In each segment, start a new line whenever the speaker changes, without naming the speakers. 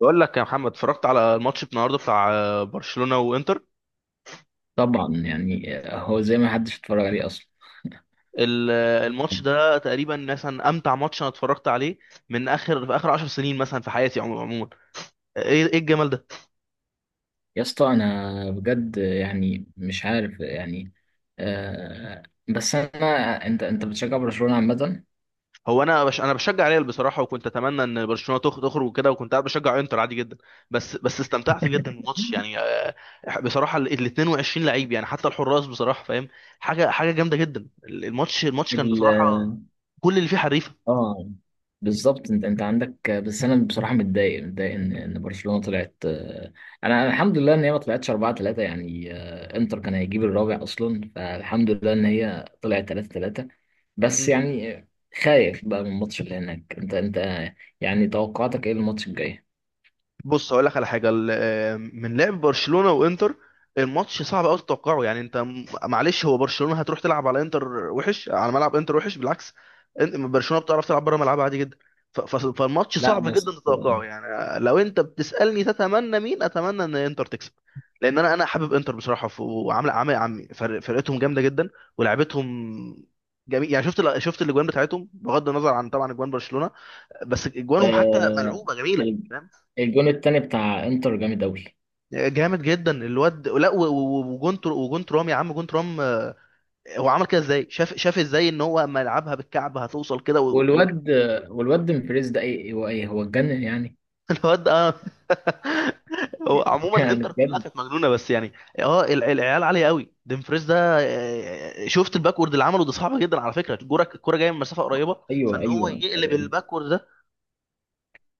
بقول لك يا محمد، اتفرجت على الماتش النهارده بتاع برشلونة وانتر.
طبعا، يعني هو زي ما حدش اتفرج عليه اصلا.
الماتش ده تقريبا مثلا امتع ماتش انا اتفرجت عليه من اخر، في اخر 10 سنين مثلا في حياتي عموما. ايه ايه الجمال ده!
يا اسطى، انا بجد يعني مش عارف يعني. آه بس انا انت بتشجع برشلونة عامة.
هو انا بشجع ريال بصراحة، وكنت اتمنى ان برشلونة تخرج وكده، وكنت قاعد بشجع انتر عادي جدا. بس استمتعت جدا بالماتش يعني، بصراحة ال 22 لعيب، يعني حتى الحراس، بصراحة، فاهم؟ حاجة حاجة جامدة جدا. الماتش كان بصراحة كل اللي فيه حريفة.
اه، بالظبط انت عندك. بس انا بصراحه متضايق ان برشلونه طلعت. انا الحمد لله ان هي ما طلعتش 4-3، انتر كان هيجيب الرابع اصلا، فالحمد لله ان هي طلعت 3-3. بس يعني آه، خايف بقى من الماتش اللي هناك. انت انت آه، يعني توقعاتك ايه الماتش الجاي؟
بص، هقول لك على حاجه. من لعب برشلونه وانتر الماتش صعب قوي تتوقعه. يعني انت، معلش، هو برشلونه هتروح تلعب على انتر وحش على ملعب انتر؟ وحش، بالعكس. برشلونه بتعرف تلعب بره ملعبها عادي جدا. فالماتش
لا،
صعب جدا
بس.
تتوقعه. يعني لو انت بتسالني تتمنى مين، اتمنى ان انتر تكسب. لان انا حابب انتر بصراحه، وعامله عامل عم فرقتهم جامده جدا ولعبتهم جميل. يعني شفت الاجوان بتاعتهم، بغض النظر عن طبعا اجوان برشلونه، بس اجوانهم حتى
آه.
ملعوبه جميله،
ال-
فاهم؟
الجون التاني بتاع انتر جامد قوي.
جامد جدا الواد! لا، وجون ترام يا عم، جون ترام هو عمل كده ازاي! شاف ازاي ان هو اما يلعبها بالكعب هتوصل كده،
والواد والواد مفريز ده، ايه هو؟ ايه هو؟ اتجنن يعني.
الواد ده، اه. هو عموما
يعني
انتر كلها
بجد.
كانت مجنونه، بس يعني. اه، العيال عاليه قوي. ديمفريز ده، شفت الباكورد اللي عمله ده؟ صعب جدا على فكره، الكوره جايه من مسافه قريبه،
ايوه
فان هو
ايوه.
يقلب الباكورد ده!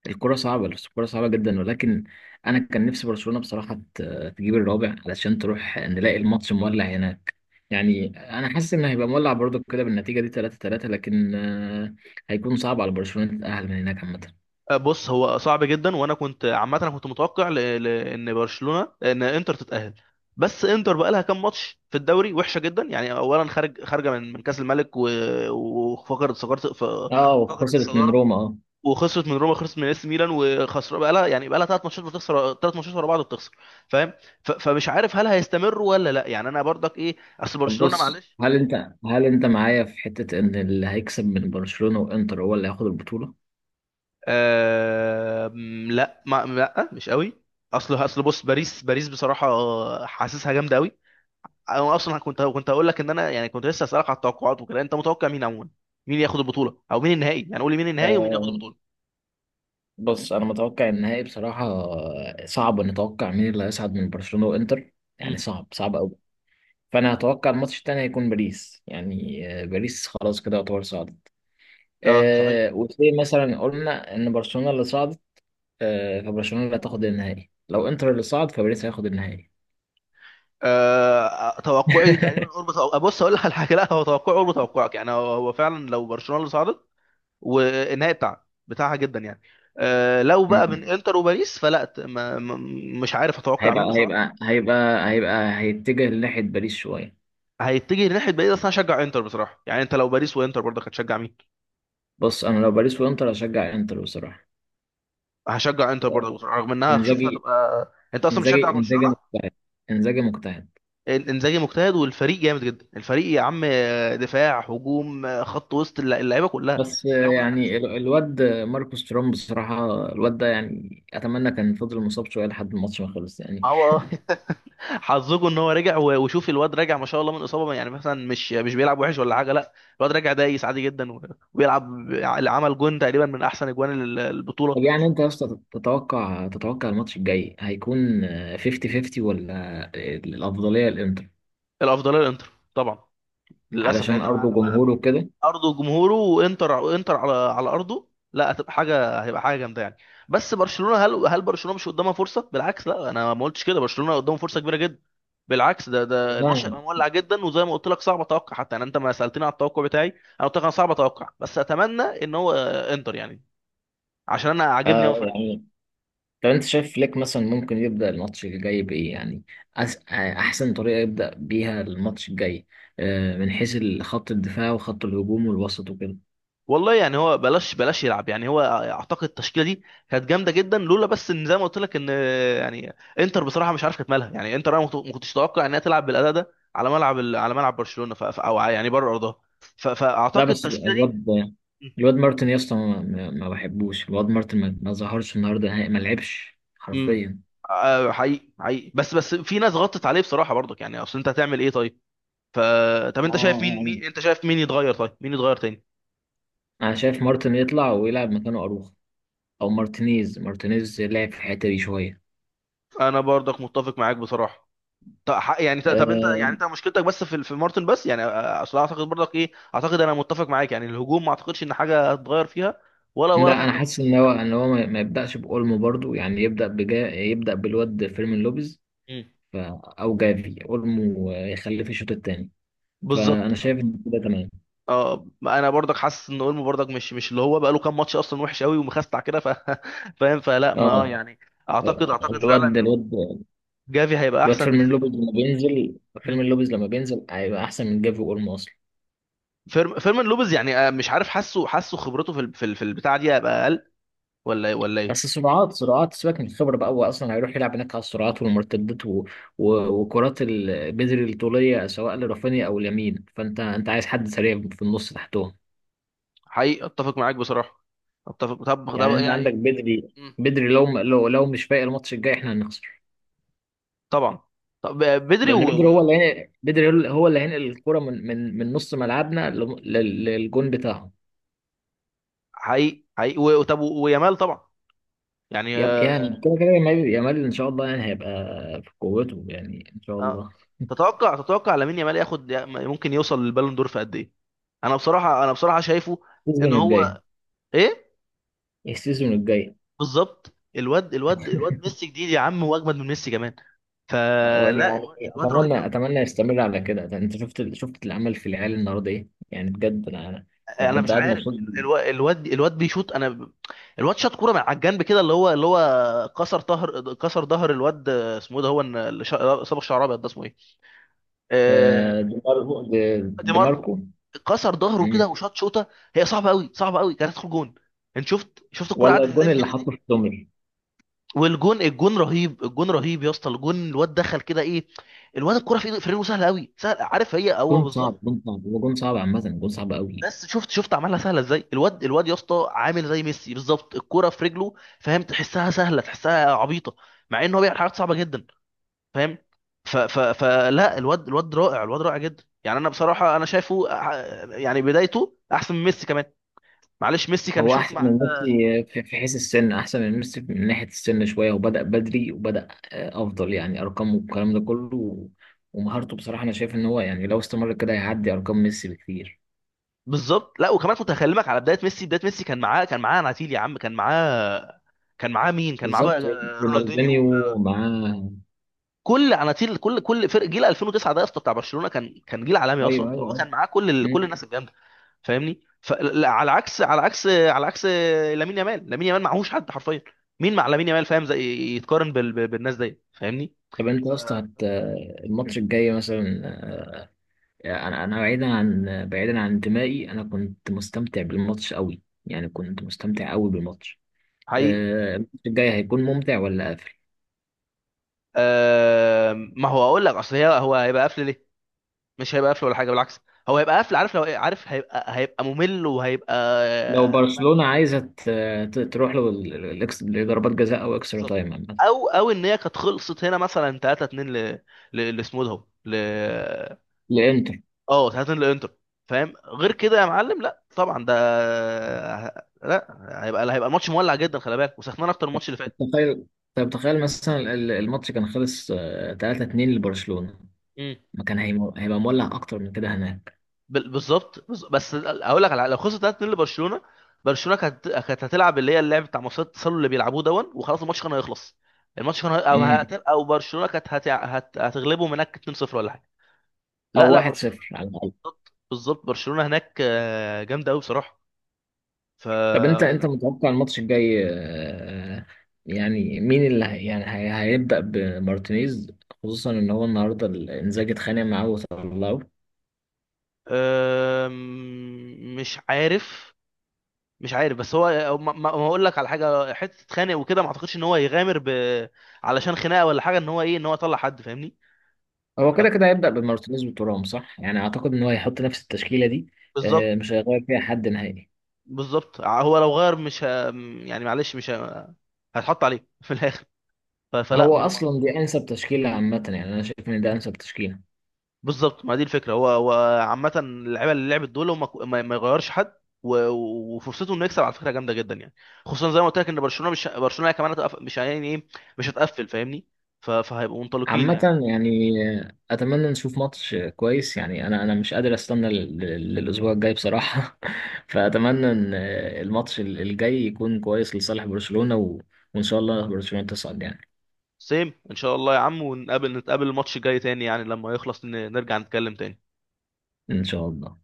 الكرة صعبة، الكرة صعبة جدا، ولكن أنا كان نفسي برشلونة بصراحة تجيب الرابع علشان تروح نلاقي الماتش مولع هناك يعني. أنا حاسس إن هيبقى مولع برضو كده بالنتيجة دي 3-3. لكن آه، هيكون صعب على برشلونة تتأهل من هناك عامة.
بص، هو صعب جدا، وانا كنت عامه انا كنت متوقع، ان انتر تتاهل. بس انتر بقى لها كام ماتش في الدوري وحشه جدا. يعني اولا خارجه من كاس الملك، وفقدت صدارة.
اه،
فقدت
وخسرت من
الصداره،
روما، اه.
وخسرت من روما، خسرت من اس ميلان، وخسر بقى لها ثلاث ماتشات، بتخسر ثلاث ماتشات ورا بعض، بتخسر، فاهم؟ فمش عارف هل هيستمروا ولا لا. يعني انا برضك ايه، اصل
طب
برشلونه
بص،
معلش.
هل انت معايا في حتة ان اللي هيكسب من برشلونة وانتر هو اللي هياخد البطولة؟
أم، لا، ما لا، مش قوي. اصل بص، باريس، باريس بصراحه حاسسها جامده قوي. انا اصلا كنت هقول لك ان انا، يعني كنت لسه اسالك على التوقعات وكده، انت متوقع مين عموما؟ مين ياخد البطوله، او مين النهائي؟ يعني قول لي مين النهائي ومين
آه،
ياخد البطوله.
بص، انا متوقع النهائي بصراحة. صعب نتوقع مين اللي هيصعد من برشلونة وانتر،
مم.
يعني صعب، صعب قوي. فانا هتوقع الماتش التاني هيكون باريس، باريس خلاص كده يعتبر صعدت.
اه، صحيح.
آه، وزي مثلا قلنا ان برشلونة اللي صعدت. آه، فبرشلونة اللي هتاخد النهائي. لو انتر اللي صعد، فباريس هياخد النهائي.
أه، توقعي تقريبا قرب بص، اقول لك على حاجه. لا، هو توقعي قرب توقعك، يعني هو فعلا لو برشلونه اللي صعدت والنهائي بتاعها، بتاعها جدا يعني. أه، لو بقى من
مم.
انتر وباريس، فلا، مش عارف اتوقع
هيبقى
مين بصراحه.
هيبقى هيبقى هيبقى هيتجه لناحية باريس شوية.
هيتجه لناحيه، بعيد اصلا هشجع انتر بصراحه. يعني انت لو باريس وانتر برضك هتشجع مين؟
بص، انا لو باريس وانتر هشجع انتر بصراحة.
هشجع انتر برضك بصراحه، رغم انها هشوفها
انزاجي
تبقى، انت اصلا بتشجع
انزاجي
برشلونه.
مجتهد، انزاجي مجتهد.
انزاجي مجتهد، والفريق جامد جدا، الفريق يا عم! دفاع، هجوم، خط وسط، اللعيبه كلها،
بس آه،
اللعيبه كلها حديثه.
يعني الواد ماركوس تورام بصراحة. الواد ده يعني أتمنى كان فضل مصاب شوية لحد الماتش ما خلص يعني.
ما هو، اه. حظكم ان هو رجع، وشوف الواد راجع ما شاء الله من اصابه، يعني مثلا مش بيلعب وحش ولا حاجه، لا. الواد راجع دايس عادي جدا، وبيلعب، عمل جون تقريبا من احسن اجوان البطوله.
طب يعني انت يا اسطى، تتوقع الماتش الجاي هيكون، 50-50، ولا الافضليه للانتر؟
الافضليه للانتر، طبعا، للاسف،
علشان
لانه
ارضه
على
وجمهوره وكده.
ارضه وجمهوره. وانتر على ارضه، لا، هتبقى حاجه هيبقى حاجه جامده يعني. بس برشلونه، هل برشلونه مش قدامها فرصه؟ بالعكس، لا انا ما قلتش كده، برشلونه قدامه فرصه كبيره جدا، بالعكس. ده الماتش
نعم.
هيبقى مولع جدا. وزي ما قلت لك صعب اتوقع حتى. يعني انت ما سالتني على التوقع بتاعي، انا قلت لك انا صعب اتوقع، بس اتمنى ان هو، انتر يعني، عشان انا عاجبني قوي.
آه، يعني طب انت شايف فليك مثلا ممكن يبدا الماتش الجاي بايه يعني؟ أس... آه، احسن طريقه يبدا بيها الماتش الجاي، آه، من حيث خط الدفاع وخط الهجوم والوسط وكده.
والله يعني، هو بلاش بلاش يلعب يعني. هو اعتقد التشكيله دي كانت جامده جدا، لولا بس ان زي ما قلت لك، ان يعني انتر بصراحه مش عارف كانت مالها. يعني انتر انا ما كنتش اتوقع انها تلعب بالاداء ده على على ملعب برشلونه، او يعني بره ارضها.
لا،
فاعتقد
بس
التشكيله دي،
الواد مارتن، يا اسطى، ما بحبوش الواد مارتن، ما ظهرش النهارده نهائي، ما لعبش
امم
حرفيا.
حقيقي، حقيقي، بس في ناس غطت عليه بصراحه برضك. يعني اصل انت هتعمل ايه طيب؟ ف طب انت شايف مين يتغير؟ طيب مين يتغير تاني؟
انا شايف مارتن يطلع ويلعب مكانه اروخ، او مارتينيز لعب في الحته دي شويه.
انا برضك متفق معاك بصراحه. طب انت،
أه.
يعني انت مشكلتك بس في مارتن بس يعني، اصل اعتقد برضك ايه. اعتقد انا متفق معاك، يعني الهجوم ما اعتقدش ان حاجه هتتغير فيها، ولا
لا، انا
خط الوسط.
حاسس ان هو ما يبداش باولمو برضو. يعني يبدا بالواد فيرمين لوبيز،
مم.
ف... او جافي، اولمو، يخليه في الشوط الثاني.
بالظبط.
فانا شايف ان كده تمام.
اه، انا برضك حاسس ان اولمو برضك مش اللي هو، بقى له كام ماتش اصلا وحش قوي، ومخستع كده، فاهم؟ فلا، ما اه
اه،
يعني، اعتقد فعلا
الواد
ان هو
الواد
جافي هيبقى
الواد
احسن
فيرمين لوبيز
بكتير.
لما بينزل،
مم.
فيرمين لوبيز لما بينزل هيبقى احسن من جافي واولمو.
فيرمان لوبيز يعني، مش عارف، حاسه خبرته في البتاعه دي هيبقى اقل، ولا ايه، ولا ايه؟
بس سرعات، سرعات، سيبك من الخبرة بقى. هو أصلا هيروح يلعب هناك على السرعات والمرتدات وكرات بدري الطولية، سواء لرافينيا أو لامين، فأنت أنت عايز حد سريع في النص تحتهم.
حقيقي، اتفق معاك بصراحه، اتفق. طب
يعني
طب
أنت عندك
يعني،
بدري، بدري لو مش فايق الماتش الجاي، إحنا هنخسر.
طبعا. طب، بدري
لأن بدري هو اللي بدري هو اللي هينقل الكرة من نص ملعبنا للجون بتاعهم.
حقيقي، حقيقي، طب، ويامال طبعا، يعني
يعني كده كده، يامال إن شاء الله يعني هيبقى في قوته يعني، إن شاء
آه.
الله.
تتوقع لامين يامال ياخد، ممكن يوصل للبالون دور في قد ايه؟ انا بصراحه شايفه ان
السيزون الجاي.
هو، ايه،
السيزون الجاي
بالظبط، الواد ميسي جديد يا عم، واجمد من ميسي كمان. فلا، الواد
يعني
الواد رهيب
اتمنى
قوي.
اتمنى يستمر على كده. ده انت شفت شفت العمل في العيال النهارده ايه؟ يعني بجد انا، انا
انا
كنت
مش
قاعد
عارف،
مبسوط.
الواد بيشوط. الواد شاط كوره من على الجنب كده، اللي هو كسر ظهر الواد، اسمه ايه ده؟ هو اللي صبغ شعر ابيض ده، اسمه ايه؟ آه،
آه، دي ماركو.
دي
دي
ماركو
ماركو.
كسر ظهره
مم.
كده وشاط شوطه. هي صعبه قوي، صعبه قوي، كانت تدخل جون. انت شفت الكرة
ولا
عدت ازاي
الجون
من
اللي
بيني دي؟
حطه في سومر.
والجون رهيب، الجون رهيب يا اسطى، الجون الواد دخل كده، ايه! الواد الكرة في ايده، في رجله، سهله قوي، سهل، عارف هي هو
جون صعب،
بالظبط.
جون صعب، هو جون صعب عامه، جون صعب قوي.
بس شفت عملها سهله ازاي، الواد يا اسطى عامل زي ميسي بالظبط، الكرة في رجله، فاهم؟ تحسها سهله، تحسها عبيطه، مع ان هو بيعمل حاجات صعبه جدا، فاهم؟ ف ف فلا، الواد رائع، الواد رائع جدا، يعني انا بصراحه انا شايفه، يعني بدايته احسن من ميسي كمان. معلش ميسي كان
هو
شوف
احسن من
معاه.
ميسي في في حيث السن، احسن من ميسي من ناحيه السن شويه، وبدا بدري، وبدا آه، افضل يعني، ارقامه والكلام ده كله ومهارته بصراحه. انا شايف ان هو يعني لو استمر كده هيعدي ارقام ميسي بكتير.
بالظبط، لا وكمان كنت هكلمك على بدايه ميسي. كان معاه اناتيل يا عم، كان معاه، كان معاه مين؟ كان معاه بقى
بالظبط،
رونالدينيو.
رونالدينيو معاه.
كل اناتيل، كل فرق جيل 2009 ده يا اسطى بتاع برشلونه كان جيل عالمي اصلا،
ايوه
فهو
ايوه ايوه.
كان معاه كل
مم.
الناس الجامده، فاهمني؟ فعلى عكس، على عكس على عكس لامين يامال معهوش حد حرفيا. مين مع لامين يامال، فاهم؟ زي، يتقارن بالناس دي، فاهمني؟
طب انت
ف
يا اسطى، الماتش الجاي مثلا، انا بعيدا عن انتمائي، انا كنت مستمتع بالماتش قوي يعني، كنت مستمتع قوي بالماتش.
حقيقي.
آه، الماتش الجاي هيكون ممتع ولا قافل؟
ما هو اقول لك، اصل هو هيبقى قفل ليه؟ مش هيبقى قفل ولا حاجه، بالعكس. هو هيبقى قفل عارف لو إيه؟ عارف هيبقى ممل، وهيبقى
لو
ما-
برشلونة عايزة تروح له لضربات جزاء او اكسترا
بالظبط.
تايم عامة،
او ان هي كانت خلصت هنا مثلا 3-2 لاسمه ده، هو،
لانتر.
اه، 3-2 لانتر، فاهم غير كده يا معلم؟ لا طبعا، ده لا، هيبقى ماتش مولع جدا، خلي بالك، وسخنان اكتر من الماتش اللي فات.
تخيل، طب تخيل مثلا الماتش كان خلص 3-2 لبرشلونة، ما كان هيبقى مولع اكتر من كده هناك؟
بالظبط، بس هقول لك على حاجة، لو خسر 3-2 لبرشلونه، برشلونه كانت هتلعب اللي هي اللعب بتاع مصيدة التسلل اللي بيلعبوه دون، وخلاص الماتش كان هيخلص. الماتش كان
مم.
او برشلونه كانت هتغلبهم هناك 2-0 ولا حاجه.
او
لا، لا،
1
برشلونه،
0
بالظبط، بالظبط، برشلونه هناك جامده قوي بصراحه. ف
طب انت
لو-
متوقع الماتش الجاي، آه، يعني مين اللي هي يعني هي هيبدأ بمارتينيز، خصوصا ان هو النهارده انزاجي اتخانق معاه وطلعه.
مش عارف، مش عارف. بس هو ما هقول لك على حاجه، حته اتخانق وكده ما اعتقدش ان هو يغامر علشان خناقه ولا حاجه، ان هو يطلع حد، فاهمني؟
هو كده
ف-
كده هيبدأ بمارتينيز وتورام صح، يعني اعتقد ان هو هيحط نفس التشكيلة دي.
بالظبط،
آه، مش هيغير فيها حد نهائي.
بالظبط، هو لو غير مش يعني معلش، مش هتحط عليه في الاخر، فلا
هو
ما... ما...
اصلا دي انسب تشكيلة عامة، يعني انا شايف ان ده انسب تشكيلة.
بالظبط، ما دي الفكره. هو عامه اللعيبه اللي لعبت دول، هو ما يغيرش حد، وفرصته انه يكسب على فكره جامده جدا يعني، خصوصا زي ما قلت لك ان برشلونه، مش برشلونه كمان مش، يعني ايه، مش هتقفل، فاهمني؟ فهيبقوا منطلقين
عامة
يعني.
يعني أتمنى نشوف ماتش كويس، يعني أنا مش قادر أستنى للأسبوع الجاي بصراحة. فأتمنى إن الماتش الجاي يكون كويس لصالح برشلونة، و... وإن شاء الله برشلونة تصعد يعني.
سيم ان شاء الله يا عم، نتقابل الماتش الجاي تاني، يعني لما يخلص نرجع نتكلم تاني.
إن شاء الله.